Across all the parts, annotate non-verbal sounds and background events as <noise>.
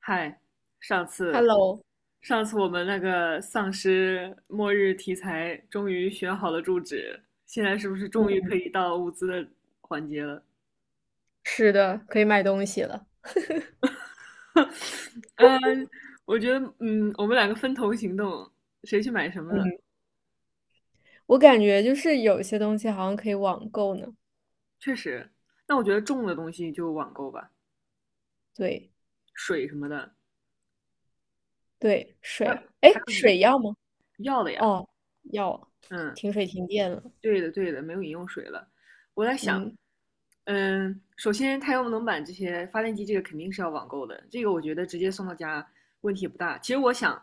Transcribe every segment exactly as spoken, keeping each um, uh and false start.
嗨，上次 Hello,上次我们那个丧尸末日题材终于选好了住址，现在是不是终于嗯，可以到物资的环节了？是的，可以买东西了。<laughs> 嗯，我觉得，嗯，我们两个分头行动，谁去买什么呢？我感觉就是有些东西好像可以网购呢。确实，但我觉得重的东西就网购吧，对，水什么的，对，还有水，还哎，有饮水要吗？药的呀，哦，要啊。嗯。停水停电了。对的，对的，没有饮用水了。我在想，嗯嗯，首先太阳能板这些发电机，这个肯定是要网购的，这个我觉得直接送到家问题也不大。其实我想，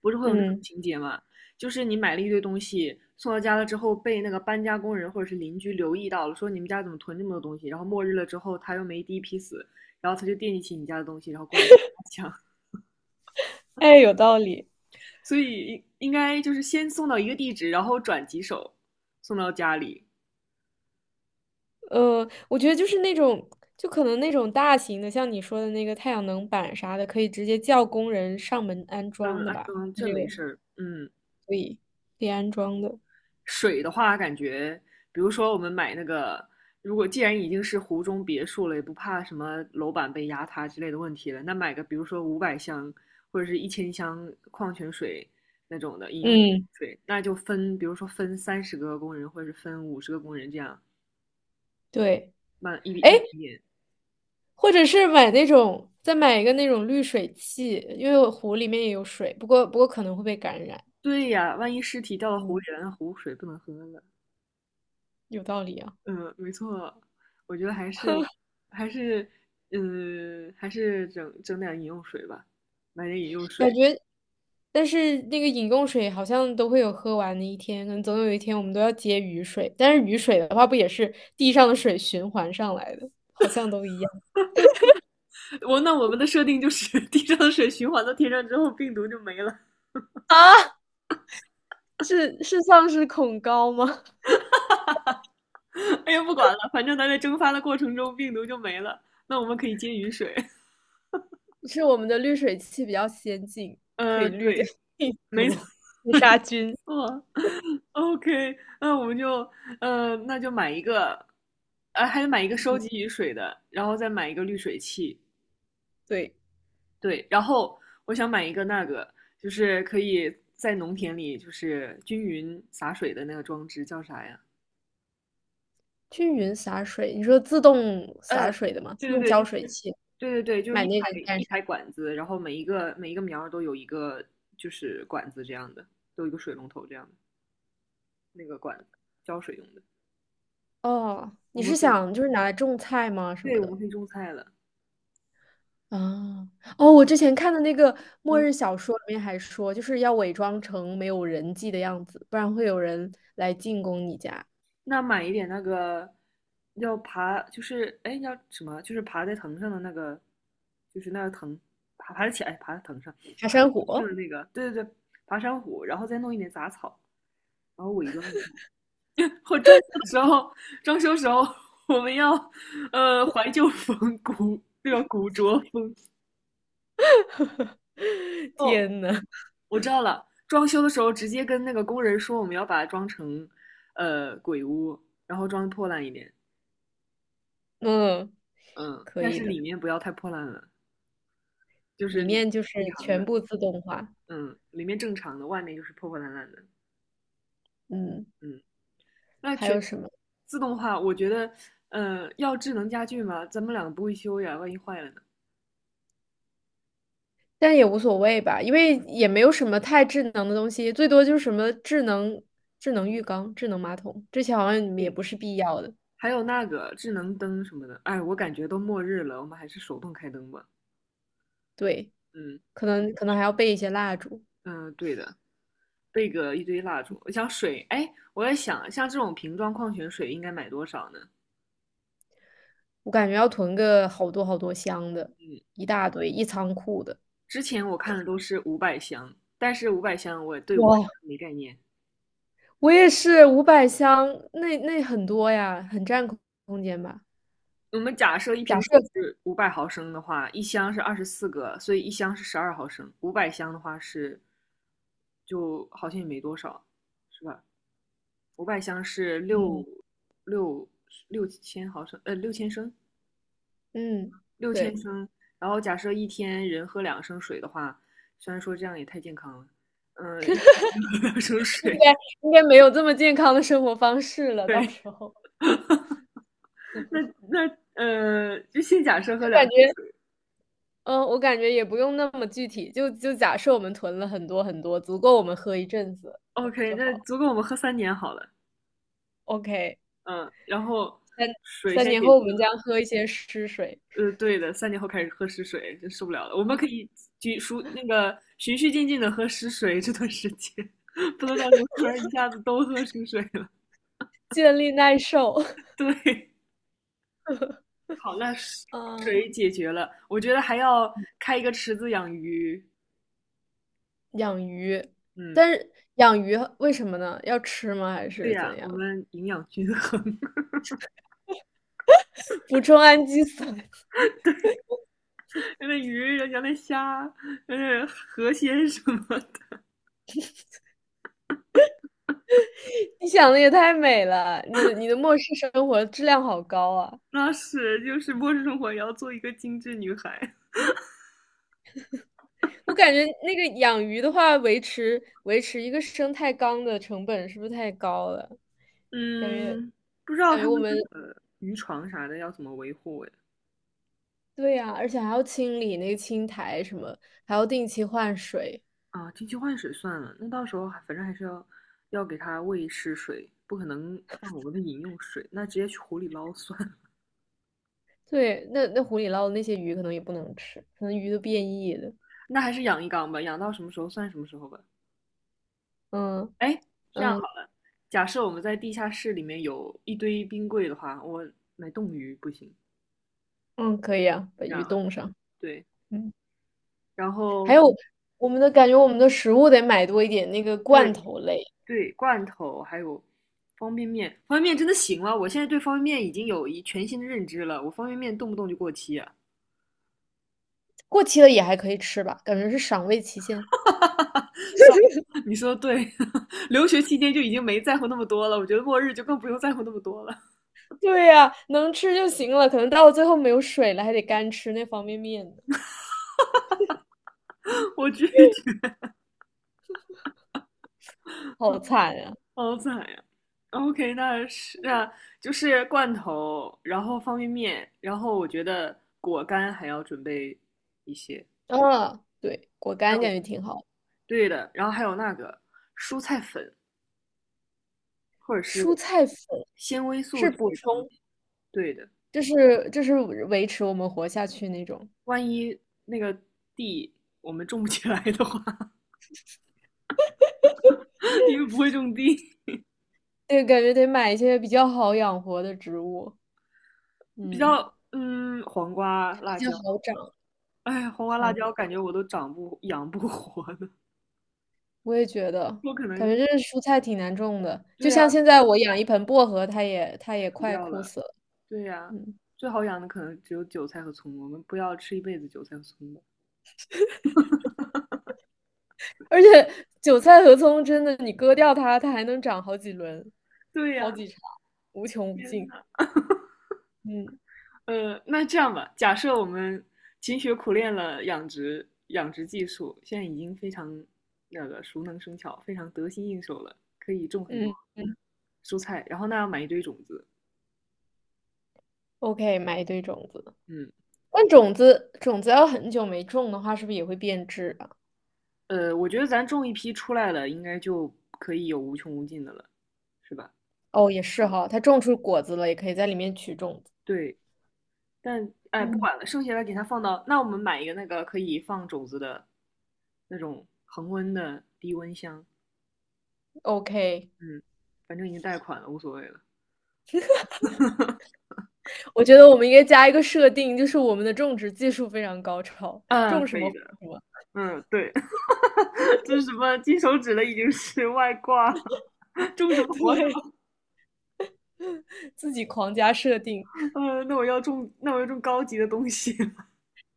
不是会有那种嗯。情节嘛，就是你买了一堆东西送到家了之后，被那个搬家工人或者是邻居留意到了，说你们家怎么囤这么多东西，然后末日了之后他又没第一批死，然后他就惦记起你家的东西，然后过来抢。哎，有道理。<laughs> 所以应应该就是先送到一个地址，然后转几手送到家里。呃，我觉得就是那种，就可能那种大型的，像你说的那个太阳能板啥的，可以直接叫工人上门安嗯，装的安吧？装它这这没个事儿。嗯。可以安装的。水的话，感觉比如说我们买那个，如果既然已经是湖中别墅了，也不怕什么楼板被压塌之类的问题了，那买个比如说五百箱或者是一千箱矿泉水那种的饮用嗯，水，那就分，比如说分三十个工人或者是分五十个工人这样对。慢一笔哎，一笔点。或者是买那种，再买一个那种滤水器，因为我湖里面也有水，不过不过可能会被感染。对呀，万一尸体掉到湖里嗯，了，那湖水不能喝了。有道理啊。嗯，没错，我觉得还是还是嗯还是整整点饮用水吧，买点饮用感水。觉，但是那个饮用水好像都会有喝完的一天，可能总有一天我们都要接雨水，但是雨水的话不也是地上的水循环上来的，好像都一样。<laughs> 我那我们的设定就是 <laughs> 地上的水循环到天上之后，病毒就没了。啊，是是丧尸恐高吗？哎呀，不管了，反正它在蒸发的过程中，病毒就没了。那我们可以接雨水。<laughs> 是我们的滤水器比较先进，可呃，以滤掉对，病没毒、错，<laughs> 没杀菌。错。OK，那我们就呃，那就买一个，呃，还得买一个收集雨水的，然后再买一个滤水器。对。对，然后我想买一个那个，就是可以在农田里就是均匀洒水的那个装置，叫啥呀？均匀洒水，你说自动洒嗯，水的吗？自对动对对，浇就。水器，对对对，就是买一排那个干一啥？排管子，然后每一个每一个苗儿都有一个就是管子这样的，都有一个水龙头这样的那个管子，浇水用的。哦，你我们是可以，想就是拿来种菜吗？什对，么我们的？可以种菜了。啊，哦，我之前看的那个末嗯，日小说里面还说，就是要伪装成没有人迹的样子，不然会有人来进攻你家。那买一点那个要爬，就是哎要什么？就是爬在藤上的那个，就是那个藤，爬爬得起来，爬在藤上，爬爬在山藤上的虎。那个，对对对，爬山虎，然后再弄一点杂草，然后伪装一下。我装修的时候，装修时候我们要呃怀旧风古那个古着风 <laughs> 哦，天呐。我知道了。装修的时候直接跟那个工人说我们要把它装成呃鬼屋，然后装破烂一点，嗯，嗯，但是里面不要太破烂了，就是里里面就是正常全的，部自动化。嗯，里面正常的，外面就是破破烂烂的，嗯，嗯。那还全有什么？自动化，我觉得呃要智能家具吗？咱们两个不会修呀，万一坏了呢？但也无所谓吧，因为也没有什么太智能的东西，最多就是什么智能智能浴缸、智能马桶，这些好像你们也不是嗯必要的。还有那个智能灯什么的，哎，我感觉都末日了，我们还是手动开灯吧。对，嗯可能可能还要备一些蜡烛。嗯、呃对的，备个一堆蜡烛。我想水，哎，我在想，像这种瓶装矿泉水应该买多少呢？我感觉要囤个好多好多箱的，嗯，一大堆，一仓库的。之前我看的都是五百箱，但是五百箱我对五百哇，箱没概念。我也是五百箱，那那很多呀，很占空空间吧？我们假设一假瓶水设，是五百毫升的话，一箱是二十四个，所以一箱是十二毫升。五百箱的话是，就好像也没多少，是吧？五百箱是嗯。六六六千毫升，呃，六千升，嗯，六千对，升。然后假设一天人喝两升水的话，虽然说这样也太健康了，嗯、呃一天两升应水，该应该没有这么健康的生活方式了，到时候那那呃，就先假设喝我两感升觉。水嗯，我感觉也不用那么具体，就就假设我们囤了很多很多，足够我们喝一阵子就，OK,就好那了。足够我们喝三年好了，OK。嗯，然后水三先年解后决我们了，将喝一些湿水。呃，对的，三年后开始喝食水，真受不了了。我们可以就数那个循序渐进的喝食水这段时间，<laughs> 不能到时候突然一下子都喝食水了。建立耐受。<laughs> <laughs> 对，好，那嗯，水解决了，我觉得还要开一个池子养鱼。养鱼，嗯，但是养鱼为什么呢？要吃吗？还对是呀，怎我样？们营养均衡，<laughs> 补充氨基酸。<laughs> 那鱼、人家那虾、呃河鲜什么的，<laughs> 你想的也太美了，你的你的末世生活质量好高啊！那是就是末日生活也要做一个精致女孩。我感觉那个养鱼的话，维持维持一个生态缸的成本是不是太高了？感觉。嗯，不知道感觉他我们们是渔床啥的要怎么维护哎。对呀，而且还要清理那个青苔什么，还要定期换水。啊，定期换水算了，那到时候还反正还是要要给它喂食水，不可能放我们的饮用水，那直接去湖里捞算了。对，那那湖里捞的那些鱼可能也不能吃，可能鱼都变异了。那还是养一缸吧，养到什么时候算什么时候吧。嗯。哎，这样嗯，好了，假设我们在地下室里面有一堆冰柜的话，我买冻鱼不行，嗯，可以啊，把你这鱼样吧，冻上。对，嗯，然还后有我们的感觉，我们的食物得买多一点，那个罐对头类，对，罐头还有方便面，方便面真的行吗？我现在对方便面已经有一全新的认知了，我方便面动不动就过期啊。过期了也还可以吃吧，感觉是赏味期限。<laughs> 你说的对，<laughs> 留学期间就已经没在乎那么多了，我觉得末日就更不用在乎那么多了。对呀，能吃就行了，可能到最后没有水了，还得干吃那方便面呢。<laughs> 我拒绝。好惨呀！好惨呀！OK，那是那就是罐头，然后方便面，然后我觉得果干还要准备一些，啊，嗯，对，果还干感有觉挺好。对的，然后还有那个蔬菜粉或者蔬是菜粉。纤维素是之补类的东充。西。对的，就是就是维持我们活下去那种。万一那个地我们种不起来的话，<laughs> 因为不会种地，对，感觉得买一些比较好养活的植物，比嗯，较嗯，黄瓜、辣比较椒，好长。哎，黄瓜、辣黄，椒感觉我都长不养不活呢，我也觉得，我可感能觉这蔬菜挺难种的。就对呀、像现啊在我养一盆薄荷，它也它也死快掉枯了。死了。对呀，嗯。最好养的可能只有韭菜和葱，我们不要吃一辈子韭菜和葱吧。而且韭菜和葱真的，你割掉它，它还能长好几轮，对好呀，几茬，无穷无天尽。呐，嗯。呃，那这样吧，假设我们勤学苦练了养殖养殖技术，现在已经非常那个熟能生巧，非常得心应手了，可以种很多嗯蔬菜，然后那要买一堆种子，，OK,买一堆种子。嗯，但种子种子要很久没种的话，是不是也会变质啊？呃，我觉得咱种一批出来了，应该就可以有无穷无尽的了，是吧？哦，也是好了，哈，它种出果子了，也可以在里面取种子。对，但嗯剩下的给它放到，那我们买一个那个可以放种子的那种恒温的低温箱，，OK。嗯，反正已经贷款了，无所谓了。<laughs> 我觉得我们应该加一个设定，就是我们的种植技术非常高超，嗯，种什可么以活的。什么。嗯，对，<laughs> 这是什么金手指了，已经是外挂，<laughs> 种什 <laughs> 么活什对，么。自己狂加设定。嗯，那我要种，那我要种高级的东西。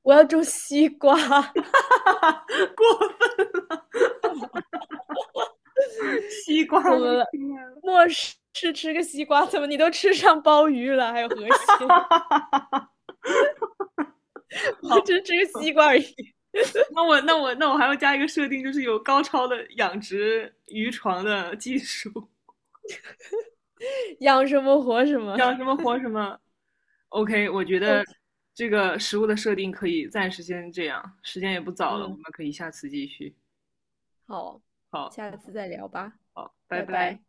我要种西瓜。<laughs> <laughs> 过分，西瓜怎都么了？出来了。末世吃个西瓜，怎么你都吃上鲍鱼了，还有河蟹。<laughs> <laughs> 我好，只吃个西瓜而已。那我那我那我还要加一个设定，就是有高超的养殖渔床的技术。<laughs> 养什么活什么。想什么活什么。OK，我觉得这个食物的设定可以暂时先这样，时间也不 <laughs> 早了，我嗯，们可以下次继续。好，好，下次再聊吧，好，拜拜拜。拜。